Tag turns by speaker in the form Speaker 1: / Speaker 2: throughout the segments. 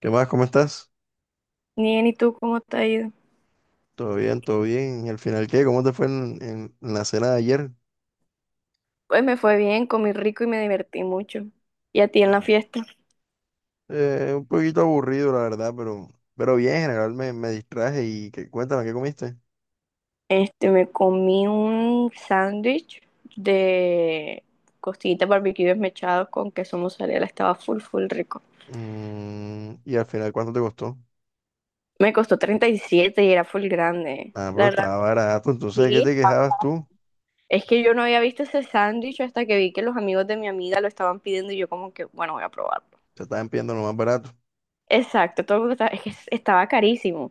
Speaker 1: ¿Qué más? ¿Cómo estás?
Speaker 2: Bien, ¿y tú cómo te ha ido?
Speaker 1: ¿Todo bien? ¿Todo bien? ¿Y al final qué? ¿Cómo te fue en la cena de ayer?
Speaker 2: Pues me fue bien, comí rico y me divertí mucho. ¿Y a ti en la fiesta?
Speaker 1: Un poquito aburrido, la verdad, pero bien, en general me distraje y cuéntame, ¿qué comiste?
Speaker 2: Este, me comí un sándwich de costillitas barbecue desmechados con queso mozzarella, estaba full, full rico.
Speaker 1: Y al final, ¿cuánto te costó?
Speaker 2: Me costó 37 y era full grande.
Speaker 1: Ah,
Speaker 2: La
Speaker 1: pero
Speaker 2: verdad,
Speaker 1: estaba barato, entonces, ¿de qué
Speaker 2: sí.
Speaker 1: te quejabas tú?
Speaker 2: Es que yo no había visto ese sándwich hasta que vi que los amigos de mi amiga lo estaban pidiendo y yo como que, bueno, voy a probar.
Speaker 1: Te estaban pidiendo lo más barato.
Speaker 2: Exacto, todo el mundo estaba, es que estaba carísimo.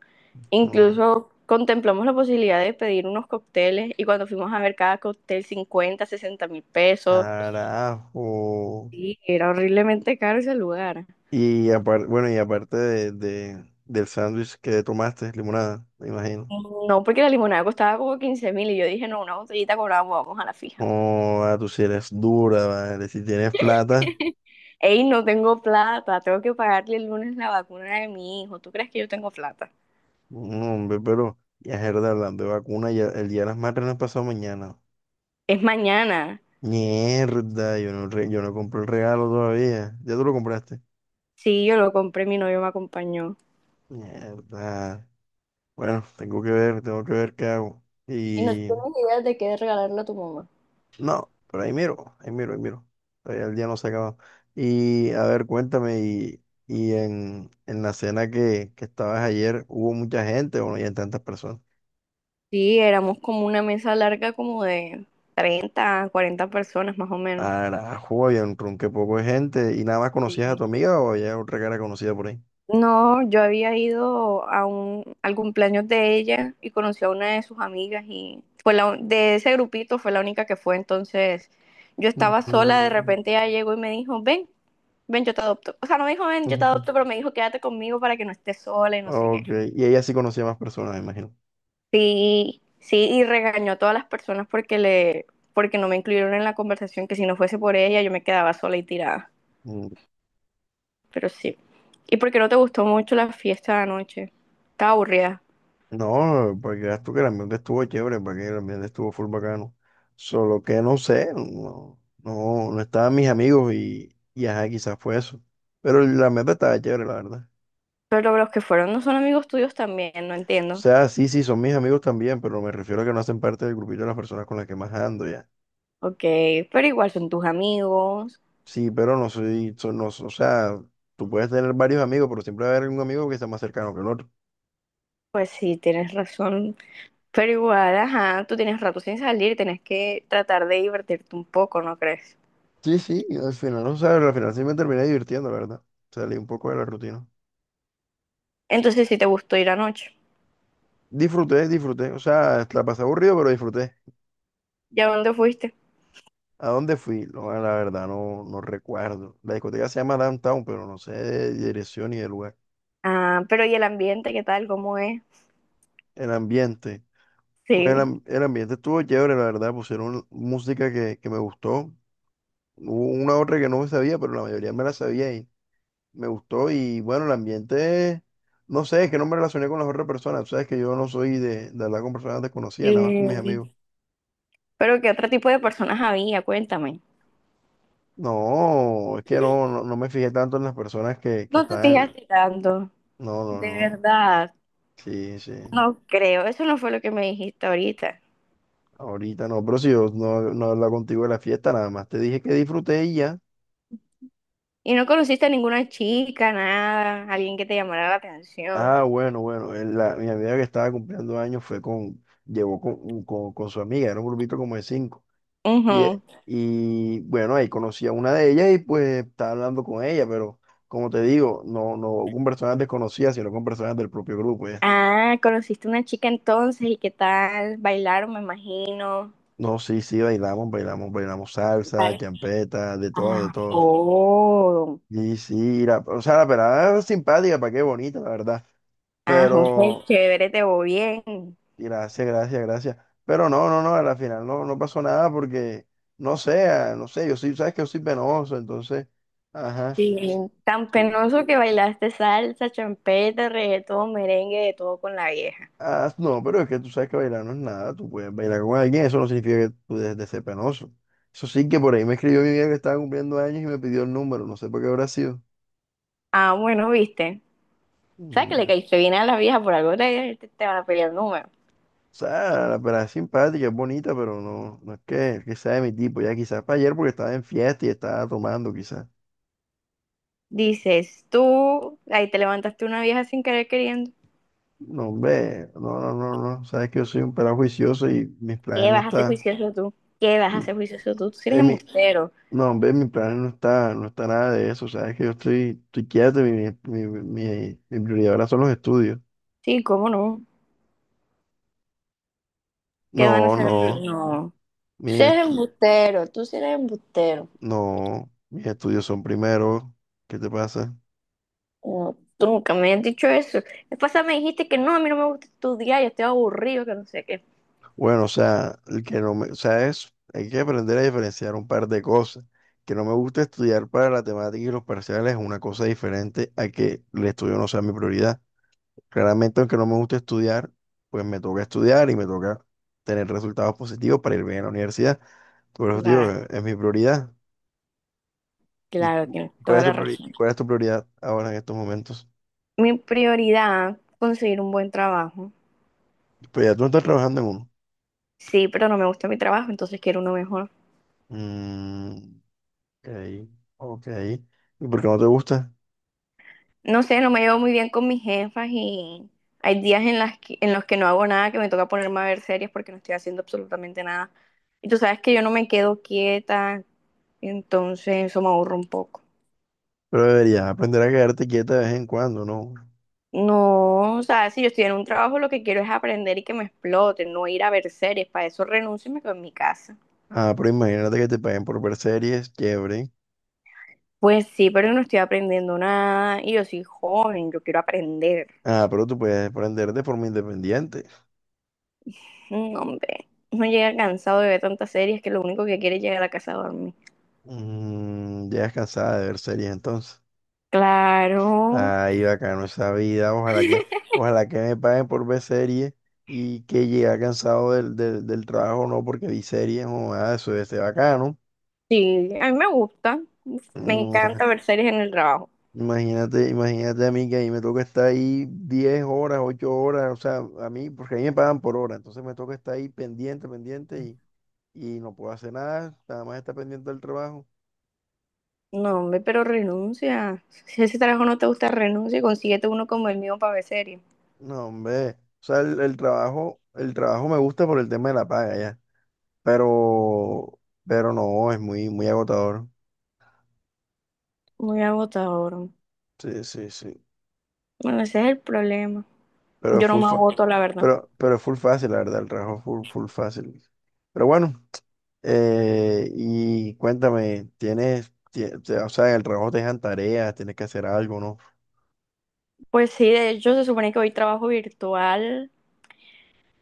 Speaker 1: No,
Speaker 2: Incluso contemplamos la posibilidad de pedir unos cócteles y cuando fuimos a ver cada cóctel 50, 60 mil pesos.
Speaker 1: carajo.
Speaker 2: Sí, era horriblemente caro ese lugar.
Speaker 1: Y aparte, bueno, y aparte del sándwich que tomaste, limonada, me imagino.
Speaker 2: No, porque la limonada costaba como 15.000 y yo dije, no, una botellita con agua, vamos a la fija.
Speaker 1: Oh, ah, tú si eres dura, vale, si tienes plata.
Speaker 2: Ey, no tengo plata, tengo que pagarle el lunes la vacuna de mi hijo. ¿Tú crees que yo tengo plata?
Speaker 1: No, hombre, pero ya Gerda, hablando de vacuna, ya, el día de las madres no es pasado mañana.
Speaker 2: Es mañana.
Speaker 1: Mierda, yo no compré el regalo todavía. ¿Ya tú lo compraste?
Speaker 2: Sí, yo lo compré, mi novio me acompañó.
Speaker 1: Mierda. Bueno, tengo que ver qué hago.
Speaker 2: ¿Y no
Speaker 1: Y
Speaker 2: tienes idea de qué regalarle a tu mamá?
Speaker 1: no, pero ahí miro, ahí miro, ahí miro. Todavía el día no se ha acabado. Y a ver, cuéntame, y en la cena que estabas ayer, ¿hubo mucha gente o no había tantas personas?
Speaker 2: Sí, éramos como una mesa larga como de 30, 40 personas más o menos.
Speaker 1: Carajo, había un ronque poco de gente. ¿Y nada más conocías a tu
Speaker 2: Sí.
Speaker 1: amiga o había otra cara conocida por ahí?
Speaker 2: No, yo había ido a al cumpleaños de ella y conocí a una de sus amigas y fue de ese grupito fue la única que fue. Entonces yo estaba
Speaker 1: Ujú,
Speaker 2: sola, de repente ella llegó y me dijo, ven, ven, yo te adopto. O sea, no me dijo, ven, yo te
Speaker 1: ujú.
Speaker 2: adopto, pero me dijo, quédate conmigo para que no estés sola y no sé qué.
Speaker 1: Ok, y ella sí conocía más personas, me imagino.
Speaker 2: Sí, sí, y regañó a todas las personas porque porque no me incluyeron en la conversación, que si no fuese por ella yo me quedaba sola y tirada.
Speaker 1: Mm.
Speaker 2: Pero sí. ¿Y por qué no te gustó mucho la fiesta de anoche? Estaba aburrida.
Speaker 1: No, porque veas tú que el ambiente estuvo chévere, porque el ambiente estuvo full bacano. Solo que no sé, no, no, no estaban mis amigos y ajá, quizás fue eso. Pero el ambiente estaba chévere, la verdad.
Speaker 2: Pero los que fueron no son amigos tuyos también, no
Speaker 1: O
Speaker 2: entiendo.
Speaker 1: sea, sí, sí, son mis amigos también, pero me refiero a que no hacen parte del grupito de las personas con las que más ando ya.
Speaker 2: Ok, pero igual son tus amigos.
Speaker 1: Sí, pero no, o sea, tú puedes tener varios amigos, pero siempre va a haber un amigo que sea más cercano que el otro.
Speaker 2: Pues sí, tienes razón. Pero igual, ajá, tú tienes rato sin salir, tienes que tratar de divertirte un poco, ¿no crees?
Speaker 1: Sí, sí, y al final, o sea, al final sí me terminé divirtiendo, la verdad. Salí un poco de la rutina.
Speaker 2: Entonces sí te gustó ir anoche.
Speaker 1: Disfruté, disfruté. O sea, la pasé aburrido, pero disfruté.
Speaker 2: ¿Y a dónde fuiste?
Speaker 1: ¿A dónde fui? No, la verdad, no, no recuerdo. La discoteca se llama Downtown, pero no sé de dirección ni de lugar.
Speaker 2: Ah, pero ¿y el ambiente qué tal? ¿Cómo es?
Speaker 1: El ambiente. Pues
Speaker 2: Sí.
Speaker 1: el ambiente estuvo chévere, la verdad. Pusieron música que me gustó. Hubo una otra que no me sabía, pero la mayoría me la sabía, me gustó y bueno, el ambiente, no sé, es que no me relacioné con las otras personas, tú sabes que yo no soy de hablar con personas desconocidas, nada más con mis amigos.
Speaker 2: Eh, pero ¿qué otro tipo de personas había? Cuéntame.
Speaker 1: No, es que no, no, no me fijé tanto en las personas que
Speaker 2: No te
Speaker 1: están,
Speaker 2: fijaste tanto,
Speaker 1: no, no,
Speaker 2: de
Speaker 1: no,
Speaker 2: verdad.
Speaker 1: sí, sí,
Speaker 2: No creo, eso no fue lo que me dijiste ahorita.
Speaker 1: ahorita no, pero si yo no he hablado contigo de la fiesta, nada más te dije que disfruté y ya.
Speaker 2: Y no conociste a ninguna chica, nada, alguien que te llamara la atención.
Speaker 1: Ah, bueno, bueno, mi amiga que estaba cumpliendo años llevó con su amiga, era un grupito como de cinco. Y, e-
Speaker 2: Ujú.
Speaker 1: y bueno, ahí conocí a una de ellas y pues estaba hablando con ella, pero como te digo, no, no con personas desconocidas, sino con personas del propio grupo. Ya.
Speaker 2: Ah, conociste una chica entonces y qué tal, bailaron, me imagino.
Speaker 1: No, sí, sí, bailamos, bailamos, bailamos salsa, champeta, de todo, de todo.
Speaker 2: Oh,
Speaker 1: Y sí, o sea, la pelada era simpática, para qué bonita, la verdad.
Speaker 2: ah, José,
Speaker 1: Pero,
Speaker 2: chévere, te voy bien.
Speaker 1: gracias, gracias, gracias. Pero no, no, no, a la final no, no pasó nada porque, no sé, no sé, yo sí, sabes que yo soy penoso, entonces, ajá.
Speaker 2: Sí, tan penoso que bailaste salsa, champeta, reggaetón, merengue, de todo con la vieja.
Speaker 1: Ah, no, pero es que tú sabes que bailar no es nada. Tú puedes bailar con alguien, eso no significa que tú dejes de ser penoso. Eso sí que por ahí me escribió mi amiga que estaba cumpliendo años y me pidió el número, no sé por qué habrá sido.
Speaker 2: Ah, bueno, viste. ¿Sabes que
Speaker 1: Mm,
Speaker 2: le
Speaker 1: ya. O
Speaker 2: caíste bien a las viejas por algo? Te van a pelear el número.
Speaker 1: sea, la pelada es simpática, es bonita, pero no, no es que sea de mi tipo. Ya quizás para ayer porque estaba en fiesta y estaba tomando, quizás.
Speaker 2: Dices tú, ahí te levantaste una vieja sin querer queriendo.
Speaker 1: No, hombre, no, no, no, no. Sabes que yo soy un pelado juicioso y mis planes
Speaker 2: ¿Qué
Speaker 1: no
Speaker 2: vas a hacer
Speaker 1: están.
Speaker 2: juicioso tú? ¿Qué vas a
Speaker 1: Mm.
Speaker 2: hacer juicioso tú? Tú sí eres
Speaker 1: En mi,
Speaker 2: embustero.
Speaker 1: no, hombre, mi plan no está, no está nada de eso. Sabes que yo estoy, estoy quieto, y mi prioridad ahora son los estudios.
Speaker 2: Sí, ¿cómo no? ¿Qué
Speaker 1: No,
Speaker 2: van a
Speaker 1: no,
Speaker 2: hacer? No. Tú
Speaker 1: mis
Speaker 2: sí eres
Speaker 1: estu-
Speaker 2: embustero, tú sí eres embustero.
Speaker 1: no, mis estudios son primero. ¿Qué te pasa?
Speaker 2: No, tú nunca me has dicho eso. La pasada me dijiste que no, a mí no me gusta estudiar, yo estoy aburrido, que no sé qué.
Speaker 1: Bueno, o sea, el que no me, o sea, es, hay que aprender a diferenciar un par de cosas. Que no me gusta estudiar para la temática y los parciales es una cosa diferente a que el estudio no sea mi prioridad. Claramente, aunque no me gusta estudiar, pues me toca estudiar y me toca tener resultados positivos para ir bien a la universidad. Por eso, digo,
Speaker 2: Claro,
Speaker 1: es mi prioridad. ¿Y
Speaker 2: claro,
Speaker 1: tú?
Speaker 2: tienes toda la razón.
Speaker 1: ¿Cuál es tu prioridad ahora en estos momentos?
Speaker 2: Mi prioridad, conseguir un buen trabajo.
Speaker 1: Pues ya tú no estás trabajando en uno.
Speaker 2: Sí, pero no me gusta mi trabajo, entonces quiero uno mejor.
Speaker 1: Mm, ok, ok. ¿Y por qué no te gusta?
Speaker 2: No sé, no me llevo muy bien con mis jefas y hay días en los que no hago nada, que me toca ponerme a ver series porque no estoy haciendo absolutamente nada. Y tú sabes que yo no me quedo quieta, entonces eso me aburre un poco.
Speaker 1: Pero deberías aprender a quedarte quieta de vez en cuando, ¿no?
Speaker 2: No, o sea, si yo estoy en un trabajo, lo que quiero es aprender y que me exploten, no ir a ver series. Para eso renuncio y me quedo en mi casa.
Speaker 1: Ah, pero imagínate que te paguen por ver series, chévere.
Speaker 2: Pues sí, pero yo no estoy aprendiendo nada y yo soy joven, yo quiero aprender.
Speaker 1: Ah, pero tú puedes aprender de forma independiente.
Speaker 2: No, hombre, no llega cansado de ver tantas series que lo único que quiere es llegar a casa a dormir.
Speaker 1: Mm, ya es cansada de ver series entonces.
Speaker 2: Claro,
Speaker 1: Ay, bacano esa vida. Ojalá que me paguen por ver series y que llegue cansado del trabajo, no, porque vi series, o nada, eso debe ser bacano.
Speaker 2: sí, a mí me gusta, me
Speaker 1: Ua,
Speaker 2: encanta ver series en el trabajo.
Speaker 1: imagínate, imagínate a mí que ahí me toca estar ahí 10 horas, 8 horas, o sea, a mí, porque ahí me pagan por hora, entonces me toca estar ahí pendiente, pendiente y no puedo hacer nada, nada más estar pendiente del trabajo.
Speaker 2: No, hombre, pero renuncia. Si ese trabajo no te gusta, renuncia y consíguete uno como el mío para ver series.
Speaker 1: No, hombre, o sea, el trabajo me gusta por el tema de la paga, ya. Pero, pero no, es muy, muy agotador.
Speaker 2: Muy agotador.
Speaker 1: Sí, sí, sí.
Speaker 2: Bueno, ese es el problema.
Speaker 1: Pero
Speaker 2: Yo
Speaker 1: es
Speaker 2: no
Speaker 1: full
Speaker 2: me
Speaker 1: fa-
Speaker 2: agoto, la verdad.
Speaker 1: pero es full fácil, la verdad, el trabajo es full, full fácil. Pero bueno, y cuéntame, o sea, en el trabajo te dejan tareas, tienes que hacer algo, ¿no?
Speaker 2: Pues sí, de hecho se supone que hoy trabajo virtual,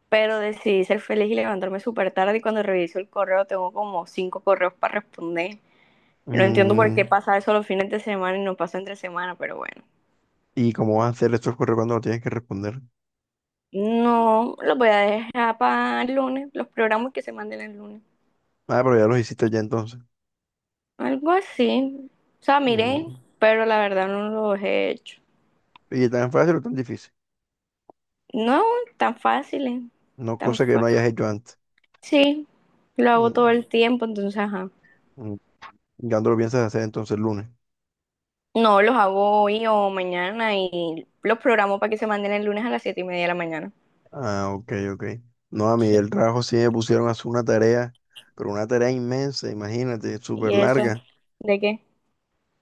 Speaker 2: pero decidí ser feliz y levantarme súper tarde y cuando reviso el correo tengo como cinco correos para responder. No entiendo por qué
Speaker 1: Mm,
Speaker 2: pasa eso los fines de semana y no pasa entre semana, pero bueno.
Speaker 1: ¿Y cómo vas a hacer estos correos cuando lo tienes que responder?
Speaker 2: No, los voy a dejar para el lunes, los programas que se manden el lunes.
Speaker 1: Ah, pero ya los hiciste ya entonces.
Speaker 2: Algo así. O sea, miré,
Speaker 1: Mm.
Speaker 2: pero la verdad no los he hecho.
Speaker 1: ¿Y tan fácil o tan difícil?
Speaker 2: No, tan fáciles.
Speaker 1: No,
Speaker 2: Tan
Speaker 1: cosa que no
Speaker 2: fácil.
Speaker 1: hayas hecho antes.
Speaker 2: Sí, lo hago todo
Speaker 1: Mm.
Speaker 2: el tiempo, entonces, ajá.
Speaker 1: mm, ¿Y cuándo lo piensas hacer entonces el lunes?
Speaker 2: No, los hago hoy o mañana y los programo para que se manden el lunes a las 7:30 de la mañana.
Speaker 1: Ah, ok, ok. No, a mí
Speaker 2: Sí.
Speaker 1: del trabajo sí me pusieron a hacer una tarea, pero una tarea inmensa, imagínate, súper
Speaker 2: ¿Y eso?
Speaker 1: larga.
Speaker 2: ¿De qué?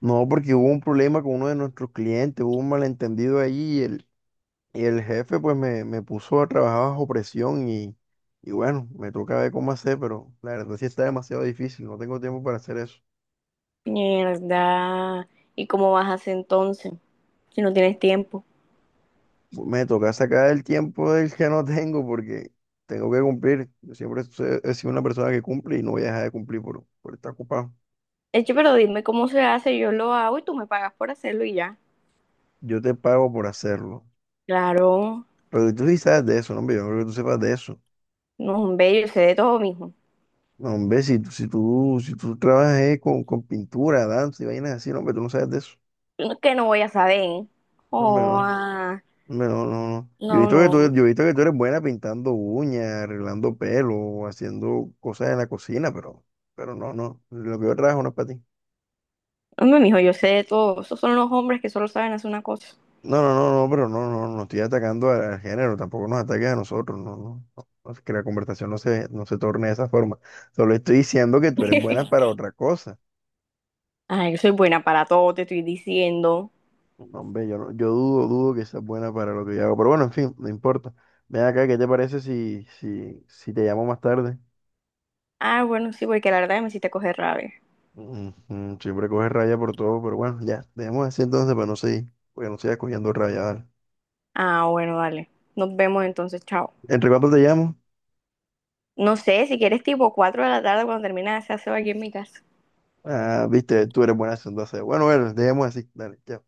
Speaker 1: No, porque hubo un problema con uno de nuestros clientes, hubo un malentendido ahí y el jefe pues me puso a trabajar bajo presión y bueno, me toca ver cómo hacer, pero la verdad sí está demasiado difícil, no tengo tiempo para hacer eso.
Speaker 2: Mierda. ¿Y cómo vas a hacer entonces? Si no tienes tiempo.
Speaker 1: Me toca sacar el tiempo del que no tengo porque tengo que cumplir. Yo siempre he sido una persona que cumple y no voy a dejar de cumplir por estar ocupado.
Speaker 2: Eche, pero dime cómo se hace, yo lo hago y tú me pagas por hacerlo y ya.
Speaker 1: Yo te pago por hacerlo.
Speaker 2: Claro,
Speaker 1: Pero que tú sí sabes de eso, no, hombre, yo no creo que tú sepas de eso.
Speaker 2: no, hombre, yo sé de todo, mijo.
Speaker 1: No, hombre, si tú trabajas con pintura, danza y vainas así, no, hombre, tú no sabes de eso.
Speaker 2: Yo no, que no voy a saber.
Speaker 1: No, hombre,
Speaker 2: Oh,
Speaker 1: no,
Speaker 2: ah,
Speaker 1: hombre, no, no, no. Yo he
Speaker 2: no,
Speaker 1: visto que tú, yo he
Speaker 2: no.
Speaker 1: visto que tú eres buena pintando uñas, arreglando pelo, haciendo cosas en la cocina, pero, no, no. Lo que yo trabajo no es para ti.
Speaker 2: Hombre, mijo, yo sé de todo. Esos son los hombres que solo saben hacer una cosa.
Speaker 1: No, no, no, no, pero no, no, no estoy atacando al género, tampoco nos ataques a nosotros, no, no, no, no, que la conversación no se torne de esa forma. Solo estoy diciendo que tú eres buena para otra cosa.
Speaker 2: Ay, yo soy buena para todo, te estoy diciendo.
Speaker 1: No, hombre, yo, yo dudo, dudo que sea buena para lo que yo hago. Pero bueno, en fin, no importa. Ven acá, ¿qué te parece si te llamo más tarde?
Speaker 2: Ah, bueno, sí, porque la verdad me hiciste coger rabia.
Speaker 1: Ujú, siempre coges raya por todo, pero bueno, ya, dejemos así entonces para no seguir, porque no sigas cogiendo raya, dale.
Speaker 2: Ah, bueno, dale. Nos vemos entonces, chao.
Speaker 1: ¿Entre cuánto te llamo?
Speaker 2: No sé, si quieres tipo 4 de la tarde cuando termina se hace aquí en mi casa.
Speaker 1: Ah, viste, tú eres buena entonces. Bueno, bueno, dejemos así, dale, chao.